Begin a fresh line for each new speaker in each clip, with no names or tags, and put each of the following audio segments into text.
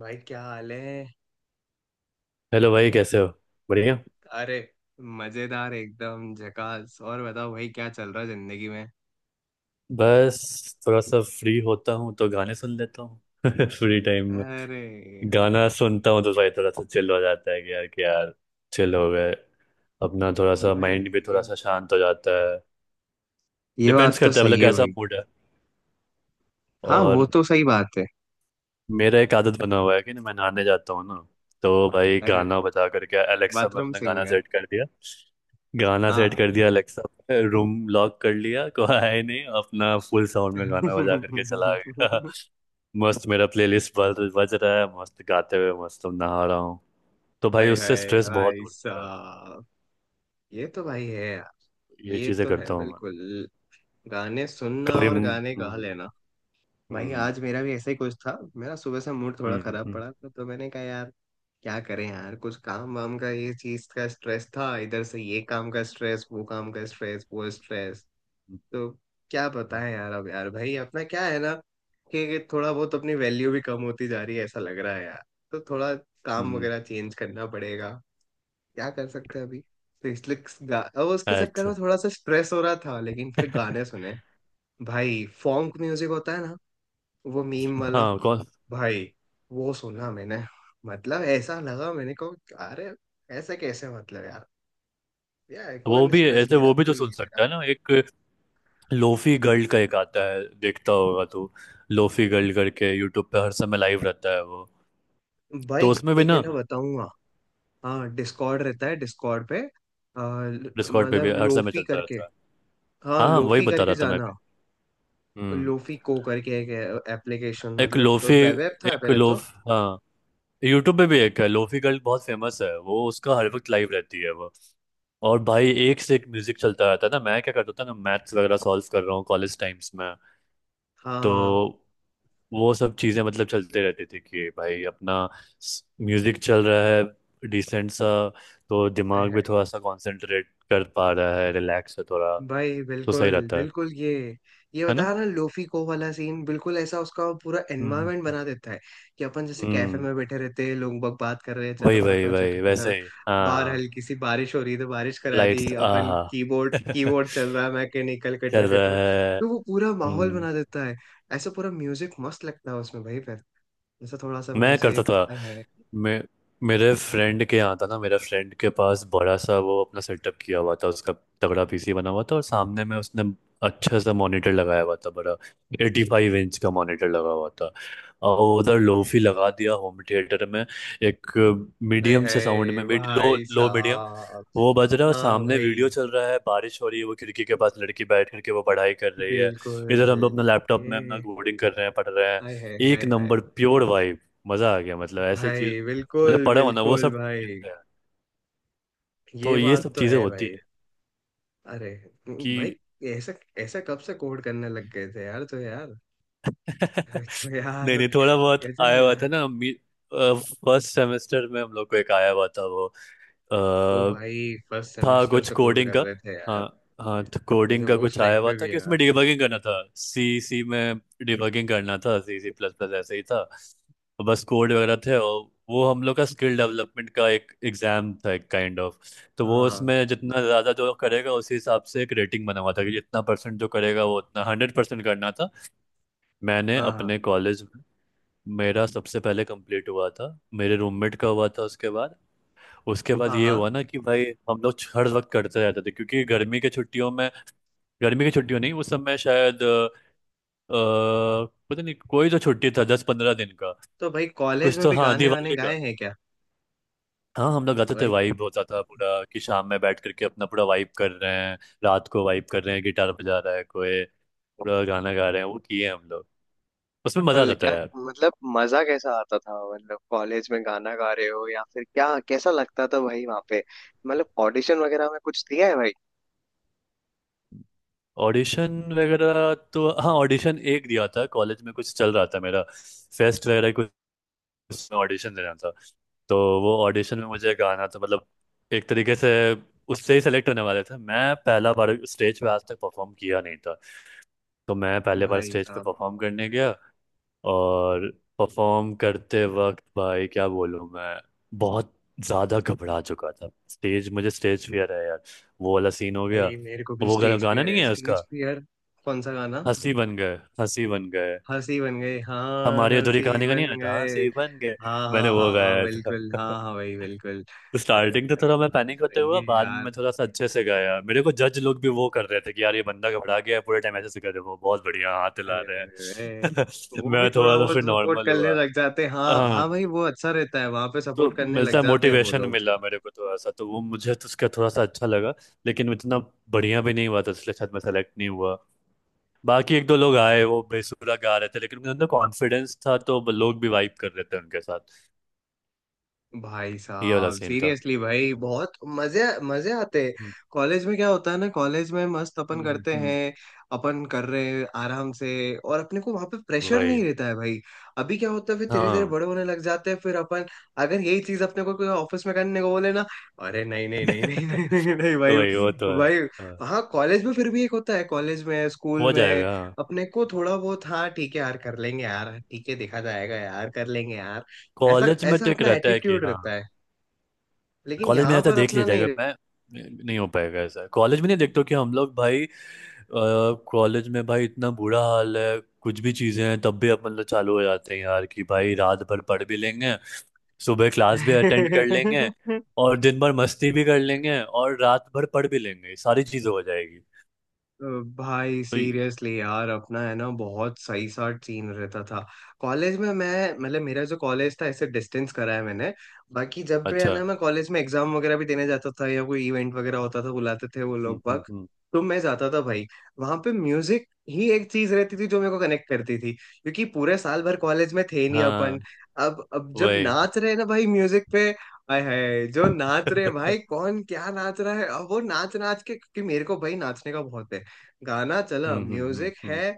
भाई क्या हाल है।
हेलो भाई, कैसे हो। बढ़िया।
अरे मजेदार एकदम झकास। और बताओ भाई क्या चल रहा है जिंदगी में।
बस थोड़ा सा फ्री होता हूँ तो गाने सुन लेता हूँ फ्री टाइम में।
अरे
गाना
भाई,
सुनता हूँ तो भाई थोड़ा सा चिल हो जाता है कि यार चिल हो गए। अपना थोड़ा सा
भाई
माइंड भी थोड़ा
ये
सा शांत हो जाता है।
ये
डिपेंड्स
बात तो
करता है,
सही
मतलब
है
कैसा
भाई।
मूड है।
हाँ वो
और
तो सही बात है।
मेरा एक आदत बना हुआ है कि ना, मैं नहाने जाता हूँ ना, तो भाई
अरे
गाना बजा करके अलेक्सा में
बाथरूम
अपना गाना
सिंगर।
सेट कर दिया। गाना सेट
हाँ
कर दिया अलेक्सा पे, रूम लॉक कर लिया, कोई आया ही नहीं, अपना फुल साउंड में गाना बजा करके चला गया मस्त मेरा प्लेलिस्ट बज बज रहा है, मस्त गाते हुए मस्त नहा रहा हूँ। तो भाई
हाय
उससे
हाय
स्ट्रेस बहुत
भाई
दूर होता
साहब, ये तो भाई है यार।
है। ये
ये
चीज़ें
तो है
करता हूँ मैं।
बिल्कुल। गाने सुनना
कभी।
और गाने गा
हम्म।
लेना। भाई
हम्म।
आज मेरा भी ऐसा ही कुछ था। मेरा सुबह से मूड थोड़ा
हम्म,
खराब
हम्म,
पड़ा था तो मैंने कहा यार क्या करें यार, कुछ काम वाम का, ये चीज का स्ट्रेस था, इधर से ये काम का स्ट्रेस, वो काम का स्ट्रेस, वो स्ट्रेस। तो क्या
हम्म,
बताएं यार, अब यार भाई अपना क्या है ना कि थोड़ा बहुत अपनी वैल्यू भी कम होती जा रही है, ऐसा लग रहा है यार। तो थोड़ा काम
हम्म।
वगैरह चेंज करना पड़ेगा, क्या कर सकते हैं अभी। तो इसलिए अब उसके चक्कर
अच्छा।
में थोड़ा सा स्ट्रेस हो रहा था, लेकिन फिर गाने सुने। भाई फॉन्क म्यूजिक होता है ना, वो मीम वाला।
हाँ कौन।
भाई वो सुना मैंने, मतलब ऐसा लगा मैंने को, अरे ऐसे कैसे, मतलब यार, यार
वो
कोई
भी
स्ट्रेस
ऐसे,
ले रहा
वो भी तो
कोई
सुन
नहीं ले रहा।
सकता है ना। एक लोफी गर्ल का एक आता है, देखता होगा तू। लोफी गर्ल करके यूट्यूब पे हर समय लाइव रहता है वो।
भाई
तो उसमें भी
एक है
ना।
ना, बताऊंगा। हाँ डिस्कॉर्ड रहता है, डिस्कॉर्ड पे। आ,
डिस्कॉर्ड पे
मतलब
भी हर समय
लोफी
चलता
करके।
रहता है।
हाँ
हाँ, वही
लोफी
बता
करके
रहा था मैं
जाना,
भी। हम्म।
लोफी को करके एक एप्लीकेशन,
एक
मतलब
लोफी।
वेब ऐप था
एक
पहले तो।
लोफ, हाँ। यूट्यूब पे भी एक है लोफी गर्ल, बहुत फेमस है वो, उसका हर वक्त लाइव रहती है वो। और भाई एक से एक म्यूजिक चलता रहता है ना। मैं क्या करता था ना, मैथ्स वगैरह सॉल्व कर रहा हूँ कॉलेज टाइम्स में, तो
हाँ
वो सब चीजें मतलब चलते रहते थे कि भाई अपना म्यूजिक चल रहा है डिसेंट सा, तो दिमाग भी थोड़ा सा कंसंट्रेट कर पा रहा है, रिलैक्स है थोड़ा, तो
भाई
सही
बिल्कुल
रहता है।
बिल्कुल, ये
है
बता
ना।
ना लोफी को वाला सीन, बिल्कुल ऐसा उसका पूरा
हम्म
एनवायरनमेंट बना देता है कि अपन जैसे कैफे
हम्म।
में बैठे रहते हैं, लोग बग बात कर रहे हैं,
वही
चटर
वही
पटर चटर
वही,
पटर।
वैसे ही,
बाहर
हाँ।
हल्की सी बारिश हो रही है तो बारिश करा दी
लाइट्स,
अपन,
आहा।
कीबोर्ड
चल
कीबोर्ड चल रहा है मैकेनिकल कटर
रहा
कटर।
है।
तो वो पूरा माहौल
हम्म।
बना देता है। ऐसा पूरा म्यूजिक मस्त लगता है उसमें भाई, फिर जैसा थोड़ा सा
मैं करता
म्यूजिक,
था
हाय हाय
मैं मेरे फ्रेंड के यहाँ था ना, मेरे फ्रेंड के पास बड़ा सा वो अपना सेटअप किया हुआ था उसका। तगड़ा पीसी बना हुआ था, और सामने में उसने अच्छा सा मॉनिटर लगाया हुआ था, बड़ा, एटी फाइव इंच का मॉनिटर लगा हुआ था। और उधर लोफी लगा दिया होम थिएटर में। एक
हाय
मीडियम से साउंड
हाय,
में, लो
भाई
लो मीडियम।
साहब।
वो बज रहा है और
हाँ
सामने वीडियो
भाई
चल रहा है, बारिश हो रही है, वो खिड़की के पास लड़की बैठ करके वो पढ़ाई कर रही है। इधर
बिल्कुल,
हम लोग अपना लैपटॉप में अपना
ये
कोडिंग कर रहे हैं, पढ़ रहे हैं।
हाय हाय हाय
एक
हाय
नंबर प्योर वाइब। मजा आ गया, मतलब ऐसे चीज।
भाई,
मतलब
बिल्कुल
पढ़ा होना वो
बिल्कुल
सब दिन
भाई,
है।
ये
तो ये
बात
सब
तो
चीजें
है
होती
भाई।
है
अरे
कि।
भाई ऐसा ऐसा कब से कोड करने लग गए थे यार, तो यार, तो यार
नहीं नहीं, थोड़ा बहुत
गजब
आया हुआ
यार।
था ना। फर्स्ट सेमेस्टर में हम लोग को एक आया हुआ था वो,
ओ भाई फर्स्ट
था
सेमेस्टर
कुछ
से कोड
कोडिंग
कर
का।
रहे थे यार,
हाँ हाँ, तो कोडिंग
गजब
का
उस
कुछ आया
टाइम
हुआ
पे
था
भी
कि
यार।
उसमें डिबगिंग करना था, सी सी में। डिबगिंग करना था सी सी प्लस प्लस, ऐसे ही था। तो बस कोड वगैरह थे, और वो हम लोग का स्किल डेवलपमेंट का एक एग्जाम था, एक काइंड ऑफ। तो वो,
हाँ
उसमें जितना ज़्यादा जो करेगा, उसी हिसाब से एक रेटिंग बना हुआ था कि जितना परसेंट जो करेगा वो, उतना हंड्रेड परसेंट करना था। मैंने
हाँ हाँ
अपने कॉलेज में, मेरा सबसे पहले कंप्लीट हुआ था। मेरे रूममेट का हुआ था उसके बाद। उसके बाद
हाँ
ये
हाँ।
हुआ ना कि भाई, हम लोग हर वक्त करते रहते थे, क्योंकि गर्मी के छुट्टियों में, गर्मी की छुट्टियों नहीं, उस समय शायद पता नहीं, कोई तो छुट्टी था दस पंद्रह दिन का,
तो भाई कॉलेज
कुछ
में
तो,
भी
हाँ,
गाने वाने
दिवाली का।
गाए हैं क्या?
हाँ हम लोग गाते थे,
भाई
वाइब होता था पूरा, कि शाम में बैठ करके अपना पूरा वाइब कर रहे हैं, रात को वाइब कर रहे हैं, गिटार बजा रहा है कोई, पूरा गाना गा रहे हैं, वो किए हम लोग। उसमें मजा
बिल्कुल,
आता था
क्या
यार।
मतलब मजा कैसा आता था, मतलब कॉलेज में गाना गा रहे हो या फिर क्या, कैसा लगता था भाई वहां पे? मतलब ऑडिशन वगैरह में कुछ दिया है भाई?
ऑडिशन वगैरह तो हाँ, ऑडिशन एक दिया था कॉलेज में, कुछ चल रहा था मेरा, फेस्ट वगैरह, कुछ ऑडिशन देना था। तो वो ऑडिशन में मुझे गाना था, मतलब एक तरीके से उससे ही सेलेक्ट होने वाले थे। मैं पहला बार स्टेज पे आज तक परफॉर्म किया नहीं था, तो मैं पहले बार
भाई
स्टेज पे
साहब,
परफॉर्म करने गया। और परफॉर्म करते वक्त भाई क्या बोलूँ मैं, बहुत ज़्यादा घबरा चुका था, स्टेज, मुझे स्टेज फियर है यार। वो वाला सीन हो गया।
भाई मेरे को भी
वो
स्टेज
गाना
फियर
नहीं
है,
है
स्टेज
उसका।
फियर। कौन सा गाना?
हंसी बन गए, हंसी बन गए।
हंसी बन गए, हाँ
हमारी अधूरी
हंसी
कहानी का,
बन
नहीं आता हाँ,
गए।
हंसी बन गए।
हाँ
मैंने
हाँ
वो
हाँ हाँ
गाया था।
बिल्कुल, हाँ हाँ भाई बिल्कुल। अरे
स्टार्टिंग तो
भाई
थोड़ा मैं
साहब
पैनिक होते
सही
हुआ,
है
बाद में
यार,
मैं थोड़ा सा अच्छे से गाया। मेरे को जज लोग भी वो कर रहे थे कि यार ये बंदा घबरा गया है, पूरे टाइम ऐसे से कर रहे हो, बहुत बढ़िया, हाथ हिला
अरे
रहे
अरे अरे,
हैं
वो भी
मैं
थोड़ा
थोड़ा सा
बहुत
फिर
सपोर्ट
नॉर्मल
करने
हुआ।
लग जाते हैं, हाँ
हाँ,
हाँ भाई वो अच्छा रहता है वहां पे,
तो
सपोर्ट करने
मिलता
लग
है,
जाते हैं वो
मोटिवेशन
लोग।
मिला मेरे को थोड़ा सा, तो वो मुझे तो उसका थोड़ा सा अच्छा लगा। लेकिन इतना बढ़िया भी नहीं हुआ था, इसलिए शायद मैं सेलेक्ट नहीं हुआ। बाकी एक दो लोग आए, वो बेसुरा गा रहे थे, लेकिन उनके अंदर कॉन्फिडेंस था, तो वो लोग भी वाइब कर रहे थे उनके साथ।
भाई
ये वाला
साहब
सीन था।
सीरियसली भाई बहुत मजे मजे आते हैं।
हम्म,
कॉलेज में क्या होता है ना, कॉलेज में मस्त अपन करते
हम्म।
हैं, अपन कर रहे हैं आराम से, और अपने को वहां पे प्रेशर
वही,
नहीं रहता है भाई। अभी क्या होता है, फिर धीरे धीरे
हाँ।
बड़े होने लग जाते हैं फिर अपन, अगर यही चीज अपने को कोई ऑफिस में करने को बोले ना, अरे नहीं नहीं नहीं नहीं नहीं नहीं,
तो
नहीं भाई
वही वो तो है।
भाई।
हाँ,
हाँ कॉलेज में फिर भी एक होता है, कॉलेज में स्कूल
हो
में
जाएगा, हाँ।
अपने को थोड़ा बहुत, हाँ ठीक है यार कर लेंगे यार, ठीक है देखा जाएगा यार, कर लेंगे। ऐसा
कॉलेज में
ऐसा
तो एक
अपना
रहता है कि
एटीट्यूड
हाँ।
रहता है, लेकिन
कॉलेज में
यहाँ
रहता है,
पर
देख
अपना
लिया
नहीं।
जाएगा, मैं नहीं हो पाएगा ऐसा कॉलेज में नहीं, देखते हो कि हम लोग भाई, कॉलेज में भाई इतना बुरा हाल है, कुछ भी चीज़ें हैं तब भी अपन लोग चालू हो जाते हैं यार, कि भाई रात भर पढ़ भी लेंगे, सुबह क्लास भी अटेंड कर लेंगे, और दिन भर मस्ती भी कर लेंगे, और रात भर पढ़ भी लेंगे, सारी चीज़ हो जाएगी।
अ, भाई
तो ये-
सीरियसली यार, अपना है ना बहुत सही सा सीन रहता था कॉलेज में। मैं मतलब मेरा जो कॉलेज था, ऐसे डिस्टेंस करा है मैंने। बाकी जब भी है
अच्छा।
ना, मैं कॉलेज में एग्जाम वगैरह भी देने जाता था, या कोई इवेंट वगैरह होता था, बुलाते थे वो लोग बाग
हम्म।
तो मैं जाता था भाई। वहां पे म्यूजिक ही एक चीज रहती थी जो मेरे को कनेक्ट करती थी, क्योंकि पूरे साल भर कॉलेज में थे नहीं
हाँ
अपन। अब जब
वही।
नाच रहे हैं ना भाई म्यूजिक पे, हाय हाय जो नाच रहे हैं
हम्म
भाई, कौन क्या नाच रहा है, अब वो नाच नाच के, क्योंकि मेरे को भाई नाचने का बहुत है। गाना चला,
हम्म
म्यूजिक
हम्म।
है,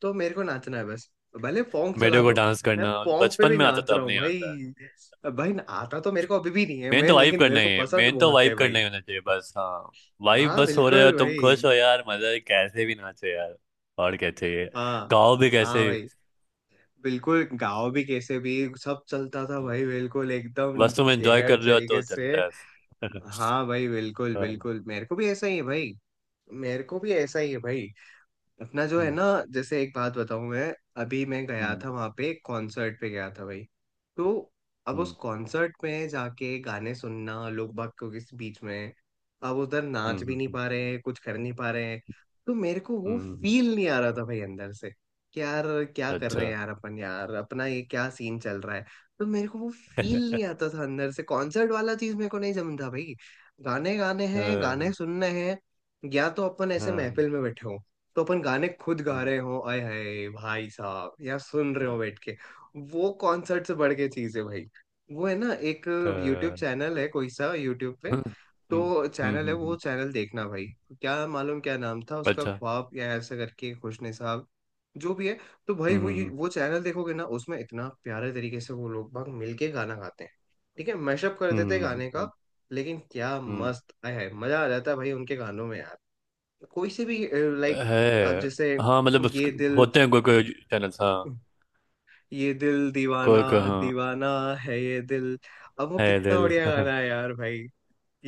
तो मेरे को नाचना है बस। भले फोंक चला
मेरे को
दो,
डांस
मैं
करना
फोंक पे
बचपन
भी
में आता
नाच
था,
रहा
अब
हूँ
नहीं आता है।
भाई। भाई आता तो मेरे को अभी भी नहीं है
मेन
मैं,
तो वाइब
लेकिन मेरे
करना
को
ही है,
पसंद
मेन तो
बहुत
वाइब
है भाई।
करना ही होना चाहिए बस, हाँ। वाइब
हाँ
बस हो रहे
बिल्कुल
हो, तुम
भाई।
खुश हो यार, मजा है, कैसे भी नाचो यार। और क्या चाहिए।
हाँ
गाओ भी
हाँ
कैसे।
भाई बिल्कुल, गाओ भी कैसे भी, सब चलता था भाई बिल्कुल एकदम
बस तुम एंजॉय
जहर
कर रहे हो तो
तरीके से।
चलता है।
हाँ भाई बिल्कुल
हाँ,
बिल्कुल, मेरे को भी ऐसा ही है भाई, मेरे को भी ऐसा ही है भाई। अपना जो है
हम्म
ना, जैसे एक बात बताऊं मैं, अभी मैं गया
हम्म
था वहां पे, कॉन्सर्ट पे गया था भाई। तो अब उस
हम्म
कॉन्सर्ट में जाके गाने सुनना, लोग बाग के किस बीच में, अब उधर
हम्म।
नाच भी नहीं पा रहे हैं, कुछ कर नहीं पा रहे हैं। तो मेरे को वो
हम्म।
फील नहीं आ रहा था भाई अंदर से कि यार क्या कर रहे
अच्छा।
हैं यार अपन, यार अपना ये क्या सीन चल रहा है। तो मेरे को वो फील नहीं आता था अंदर से, कॉन्सर्ट वाला चीज मेरे को नहीं जमता भाई। गाने गाने हैं,
हाँ,
गाने सुनने हैं, या तो अपन ऐसे
हाँ,
महफिल में बैठे हो, तो अपन गाने खुद गा
हम्म,
रहे हो, आय हाय भाई साहब, या सुन रहे हो बैठ के, वो कॉन्सर्ट से बढ़ के चीज है भाई। वो है ना एक यूट्यूब
हाँ,
चैनल है, कोई सा यूट्यूब पे
हम्म, हम्म,
तो चैनल है, वो
हम्म।
चैनल देखना भाई। क्या मालूम क्या नाम था उसका,
अच्छा।
ख्वाब या ऐसा करके, खुशने साहब, जो भी है। तो
हम्म
भाई वो
हम्म
वो चैनल देखोगे ना, उसमें इतना प्यारे तरीके से वो लोग भाग मिलके गाना गाते हैं। ठीक है मैशअप कर देते हैं
हम्म।
गाने का, लेकिन क्या
हम्म।
मस्त, आय हाय मजा आ जाता है भाई उनके गानों में यार, कोई से भी। लाइक
है।
अब जैसे
हाँ मतलब उस-,
ये दिल,
होते हैं कोई कोई चैनल्स, हाँ।
ये दिल दीवाना,
कोई कोई, हाँ।
दीवाना है ये दिल, अब वो
है
कितना
दिल।
बढ़िया गाना है यार भाई।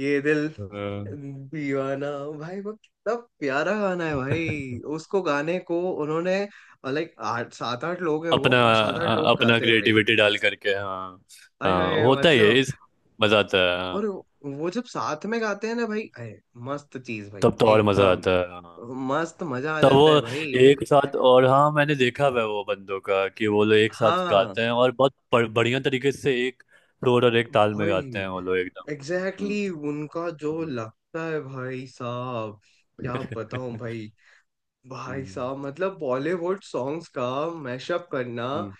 ये दिल
हाँ।
दीवाना, भाई वो कितना प्यारा गाना है भाई। उसको गाने को उन्होंने, लाइक आठ सात आठ लोग हैं,
अपना,
वो सात आठ लोग
अपना
गाते हैं भाई।
क्रिएटिविटी डाल करके, हाँ।
हाय
हाँ
हाय
होता ही है
मतलब,
इस, मजा आता है, हाँ।
और वो जब साथ में गाते हैं ना भाई, आए, मस्त चीज भाई
तब तो और मजा
एकदम,
आता है, हाँ।
मस्त मजा आ
तब
जाता है
वो
भाई।
एक साथ, और हाँ मैंने देखा हुआ है वो बंदों का कि वो लोग एक साथ
हाँ
गाते हैं और बहुत बढ़िया तरीके से एक सुर और एक ताल में गाते
भाई
हैं वो लोग, एकदम। हम्म।
एग्जैक्टली exactly, उनका जो
हम्म।
लगता है भाई साहब, क्या बताऊं भाई। भाई
हम्म।
साहब मतलब बॉलीवुड सॉन्ग्स का मैशअप करना,
हम्म।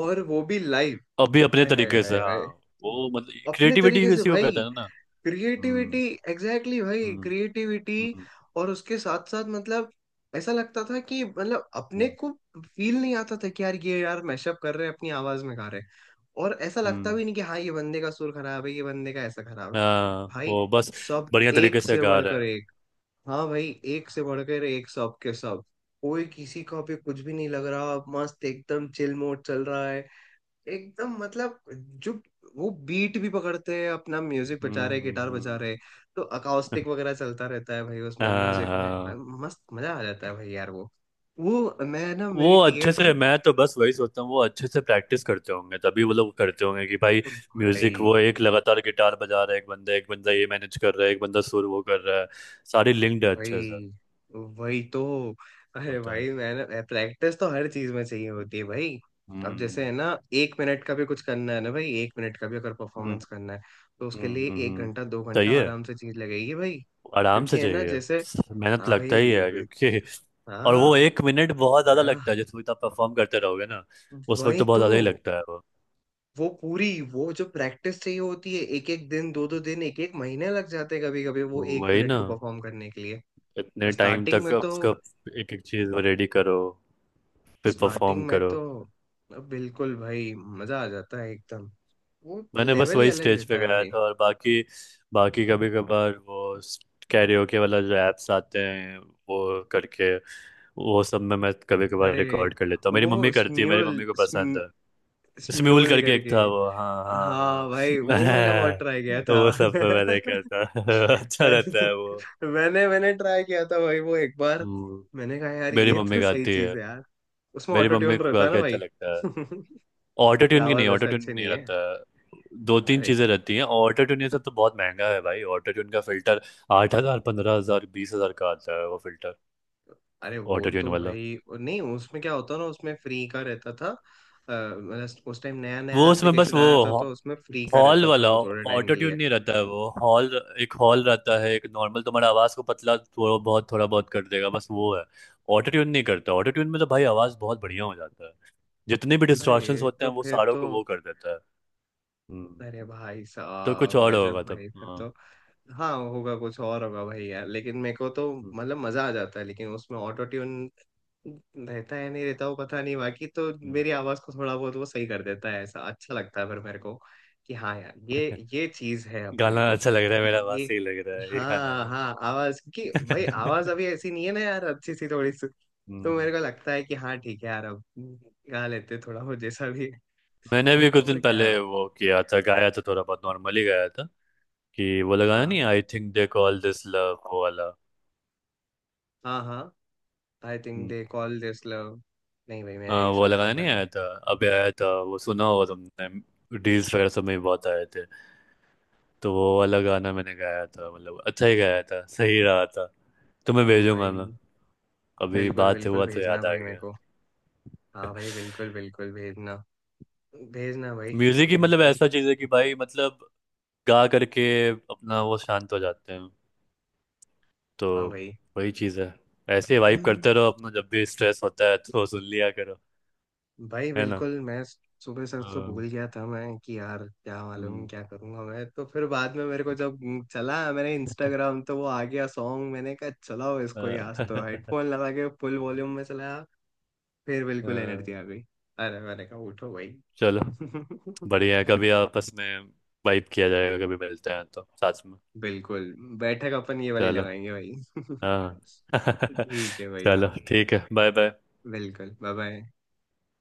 और वो भी लाइव,
अभी अपने
हाय हाय
तरीके
हाय
से, हाँ।
हाय।
वो मतलब
अपने
क्रिएटिविटी
तरीके से
किसी को
भाई
कहते हैं ना।
क्रिएटिविटी,
हम्म।
एग्जैक्टली exactly भाई
हम्म।
क्रिएटिविटी।
हम्म।
और उसके साथ साथ मतलब ऐसा लगता था कि, मतलब अपने
हम्म,
को फील नहीं आता था कि यार ये यार मैशअप कर रहे हैं, अपनी आवाज में गा रहे हैं, और ऐसा लगता
हम्म,
भी नहीं कि हाँ ये बंदे का सुर खराब है, ये बंदे का ऐसा खराब है।
हाँ
भाई
वो बस
सब
बढ़िया तरीके
एक
से
से
गा रहे
बढ़कर
हैं।
एक, हाँ भाई एक से बढ़कर एक सब के सब, कोई किसी का भी कुछ भी नहीं लग रहा, मस्त एकदम चिल मोड चल रहा है एकदम, मतलब जो वो बीट भी पकड़ते हैं, अपना म्यूजिक बजा
हम्म
रहे,
हम्म
गिटार बजा
हम्म।
रहे। तो अकाउस्टिक वगैरह चलता रहता है भाई उसमें
हाँ
म्यूजिक में,
हाँ।
मस्त मजा आ जाता है भाई यार वो। वो मैं ना
वो
मेरी
अच्छे
टीएल
से,
थी
मैं तो बस वही सोचता हूँ वो अच्छे से प्रैक्टिस करते होंगे, तभी वो लोग करते होंगे कि भाई म्यूजिक,
भाई,
वो एक लगातार गिटार बजा रहा है, एक बंदा ये मैनेज कर रहा है, एक बंदा सुर वो कर रहा है, सारी लिंक्ड है अच्छे से।
वही वही तो। अरे
होता है।
भाई मैंने प्रैक्टिस तो हर चीज में चाहिए होती है भाई। अब जैसे है
हम्म
ना एक मिनट का भी कुछ करना है ना भाई, एक मिनट का भी अगर
हम्म
परफॉर्मेंस करना है, तो उसके लिए
हम्म।
एक
हम्म।
घंटा दो घंटा
सही है,
आराम से चीज लगेगी भाई।
आराम
क्योंकि
से
है ना
चाहिए।
जैसे,
मेहनत
हाँ भाई
लगता ही है
ये-
क्योंकि और वो
हाँ
एक मिनट बहुत ज्यादा लगता
हाँ,
है जिस वक्त आप परफॉर्म करते रहोगे ना, उस वक्त
वही
तो बहुत
तो,
ज्यादा ही लगता है वो।
वो पूरी, वो जो प्रैक्टिस चाहिए होती है, एक एक दिन दो दो दिन, एक एक महीने लग जाते हैं कभी कभी, वो एक
वही
मिनट
ना,
को परफॉर्म करने के लिए।
इतने टाइम
स्टार्टिंग
तक
में तो,
उसका, एक एक चीज रेडी करो फिर परफॉर्म
स्टार्टिंग में
करो।
तो बिल्कुल भाई मजा आ जाता है एकदम, वो
मैंने बस
लेवल ही
वही
अलग
स्टेज
रहता
पे
है
गाया
भाई।
था, और बाकी, बाकी कभी कभार वो कैरियोके वाला जो एप्स आते हैं, वो करके वो सब में मैं कभी कभार
अरे
रिकॉर्ड कर लेता हूँ, मेरी
वो
मम्मी करती है, मेरी
स्म्यूल
मम्मी को पसंद है। स्म्यूल
स्म्यूल
करके एक
करके।
था वो, हाँ हाँ
हाँ भाई
हाँ।
वो मैंने बहुत ट्राई किया
मैं वो
था।
सब पे मैं नहीं करता। अच्छा रहता है वो।
मैंने मैंने ट्राई किया था भाई वो एक बार,
हम्म,
मैंने कहा यार
मेरी
ये
मम्मी
तो सही
गाती
चीज
है,
है यार, उसमें
मेरी
ऑटो
मम्मी
ट्यून
को
रहता
गा
है
के
ना
अच्छा
भाई।
लगता है।
मेरी
ऑटो ट्यून की
आवाज
नहीं, ऑटो
ऐसा
ट्यून
अच्छी
नहीं
नहीं है।
रहता है। दो तीन
अरे,
चीजें रहती हैं, ऑटो ट्यून ये सब तो बहुत महंगा है भाई, ऑटो ट्यून का फिल्टर आठ हजार पंद्रह हजार बीस हजार का आता है वो फिल्टर।
अरे वो
ऑटो ट्यून
तो
वाला
भाई नहीं, उसमें क्या होता ना, उसमें फ्री का रहता था। मतलब उस टाइम नया नया
वो उसमें बस
एप्लीकेशन
वो
आया था, तो उसमें फ्री का
हॉल
रहता था
वाला,
वो थोड़े टाइम
ऑटो
के
ट्यून
लिए।
नहीं रहता है वो, हॉल, एक हॉल रहता है, एक नॉर्मल तुम्हारा आवाज को पतला थोड़ा बहुत कर देगा बस वो है। ऑटो ट्यून नहीं करता, ऑटो ट्यून में तो भाई आवाज बहुत बढ़िया हो जाता है, जितने भी डिस्टॉर्शंस
अरे
होते
तो
हैं वो
फिर
सारों
तो,
को वो कर देता है। हम्म।
अरे भाई
तो कुछ
साहब
और
गजब
होगा तब,
भाई फिर
हाँ।
तो। हाँ होगा कुछ और होगा भाई यार, लेकिन मेरे को तो
हम्म,
मतलब मजा आ जाता है, लेकिन उसमें ऑटो ट्यून रहता है नहीं रहता वो पता नहीं, बाकी तो
हम्म।
मेरी आवाज को थोड़ा बहुत वो सही कर देता है, ऐसा अच्छा लगता है फिर मेरे को, कि हाँ यार ये चीज है अपने
गाना
को,
अच्छा लग रहा है, मेरा आवाज
ये,
सही लग रहा है ये गाने
हाँ
में।
हाँ आवाज की, भाई आवाज अभी ऐसी नहीं है ना यार, अच्छी सी थोड़ी सी। तो मेरे
हम्म।
को लगता है कि हाँ ठीक है यार, अब गा लेते थोड़ा बहुत जैसा भी है,
मैंने भी
तो
कुछ दिन
और क्या।
पहले वो किया था, गाया था, थोड़ा बहुत नॉर्मली गाया था, कि वो लगाया
हाँ
नहीं, I think they call this love, वो वाला।
हाँ हाँ, I think
hmm,
they call this love. नहीं भाई मैंने
हाँ,
नहीं
वो
सुना है वो
लगाना नहीं
गाना।
आया था। अभी आया था वो, सुना होगा तुमने, डील्स वगैरह सब में बहुत आए थे। तो वो वाला गाना मैंने गाया था, मतलब अच्छा ही गाया था, सही रहा था। तुम्हें
अब
भेजूंगा मैं,
भाई
अभी
बिल्कुल
बात
बिल्कुल
हुआ तो
भेजना
याद आ
भाई मेरे
गया।
को, हाँ भाई बिल्कुल बिल्कुल भेजना, भेजना भाई
म्यूजिक ही,
मेरे
मतलब
को।
ऐसा चीज है कि भाई, मतलब गा करके अपना वो शांत हो जाते हैं। तो
हाँ भाई
वही चीज है, ऐसे ही वाइब
हम्म,
करते रहो, अपना जब भी स्ट्रेस होता है तो सुन लिया करो।
भाई
है ना।
बिल्कुल मैं सुबह सच तो
हाँ,
भूल गया था मैं, कि यार क्या मालूम
हम्म।
क्या करूंगा मैं, तो फिर बाद में मेरे को जब चला मैंने इंस्टाग्राम, तो वो आ गया सॉन्ग, मैंने कहा चलाओ इसको ही
अ,
आज, तो हेडफोन लगा के फुल वॉल्यूम में चलाया, फिर बिल्कुल
अ,
एनर्जी आ गई। अरे मैंने कहा उठो भाई।
चलो, बढ़िया है, कभी आपस में वाइब किया जाएगा, कभी मिलते हैं तो साथ में।
बिल्कुल, बैठक अपन ये वाली
चलो,
लगाएंगे भाई।
हाँ।
ठीक है भाई,
चलो
हाँ
ठीक है, बाय बाय।
बिल्कुल, बाय बाय।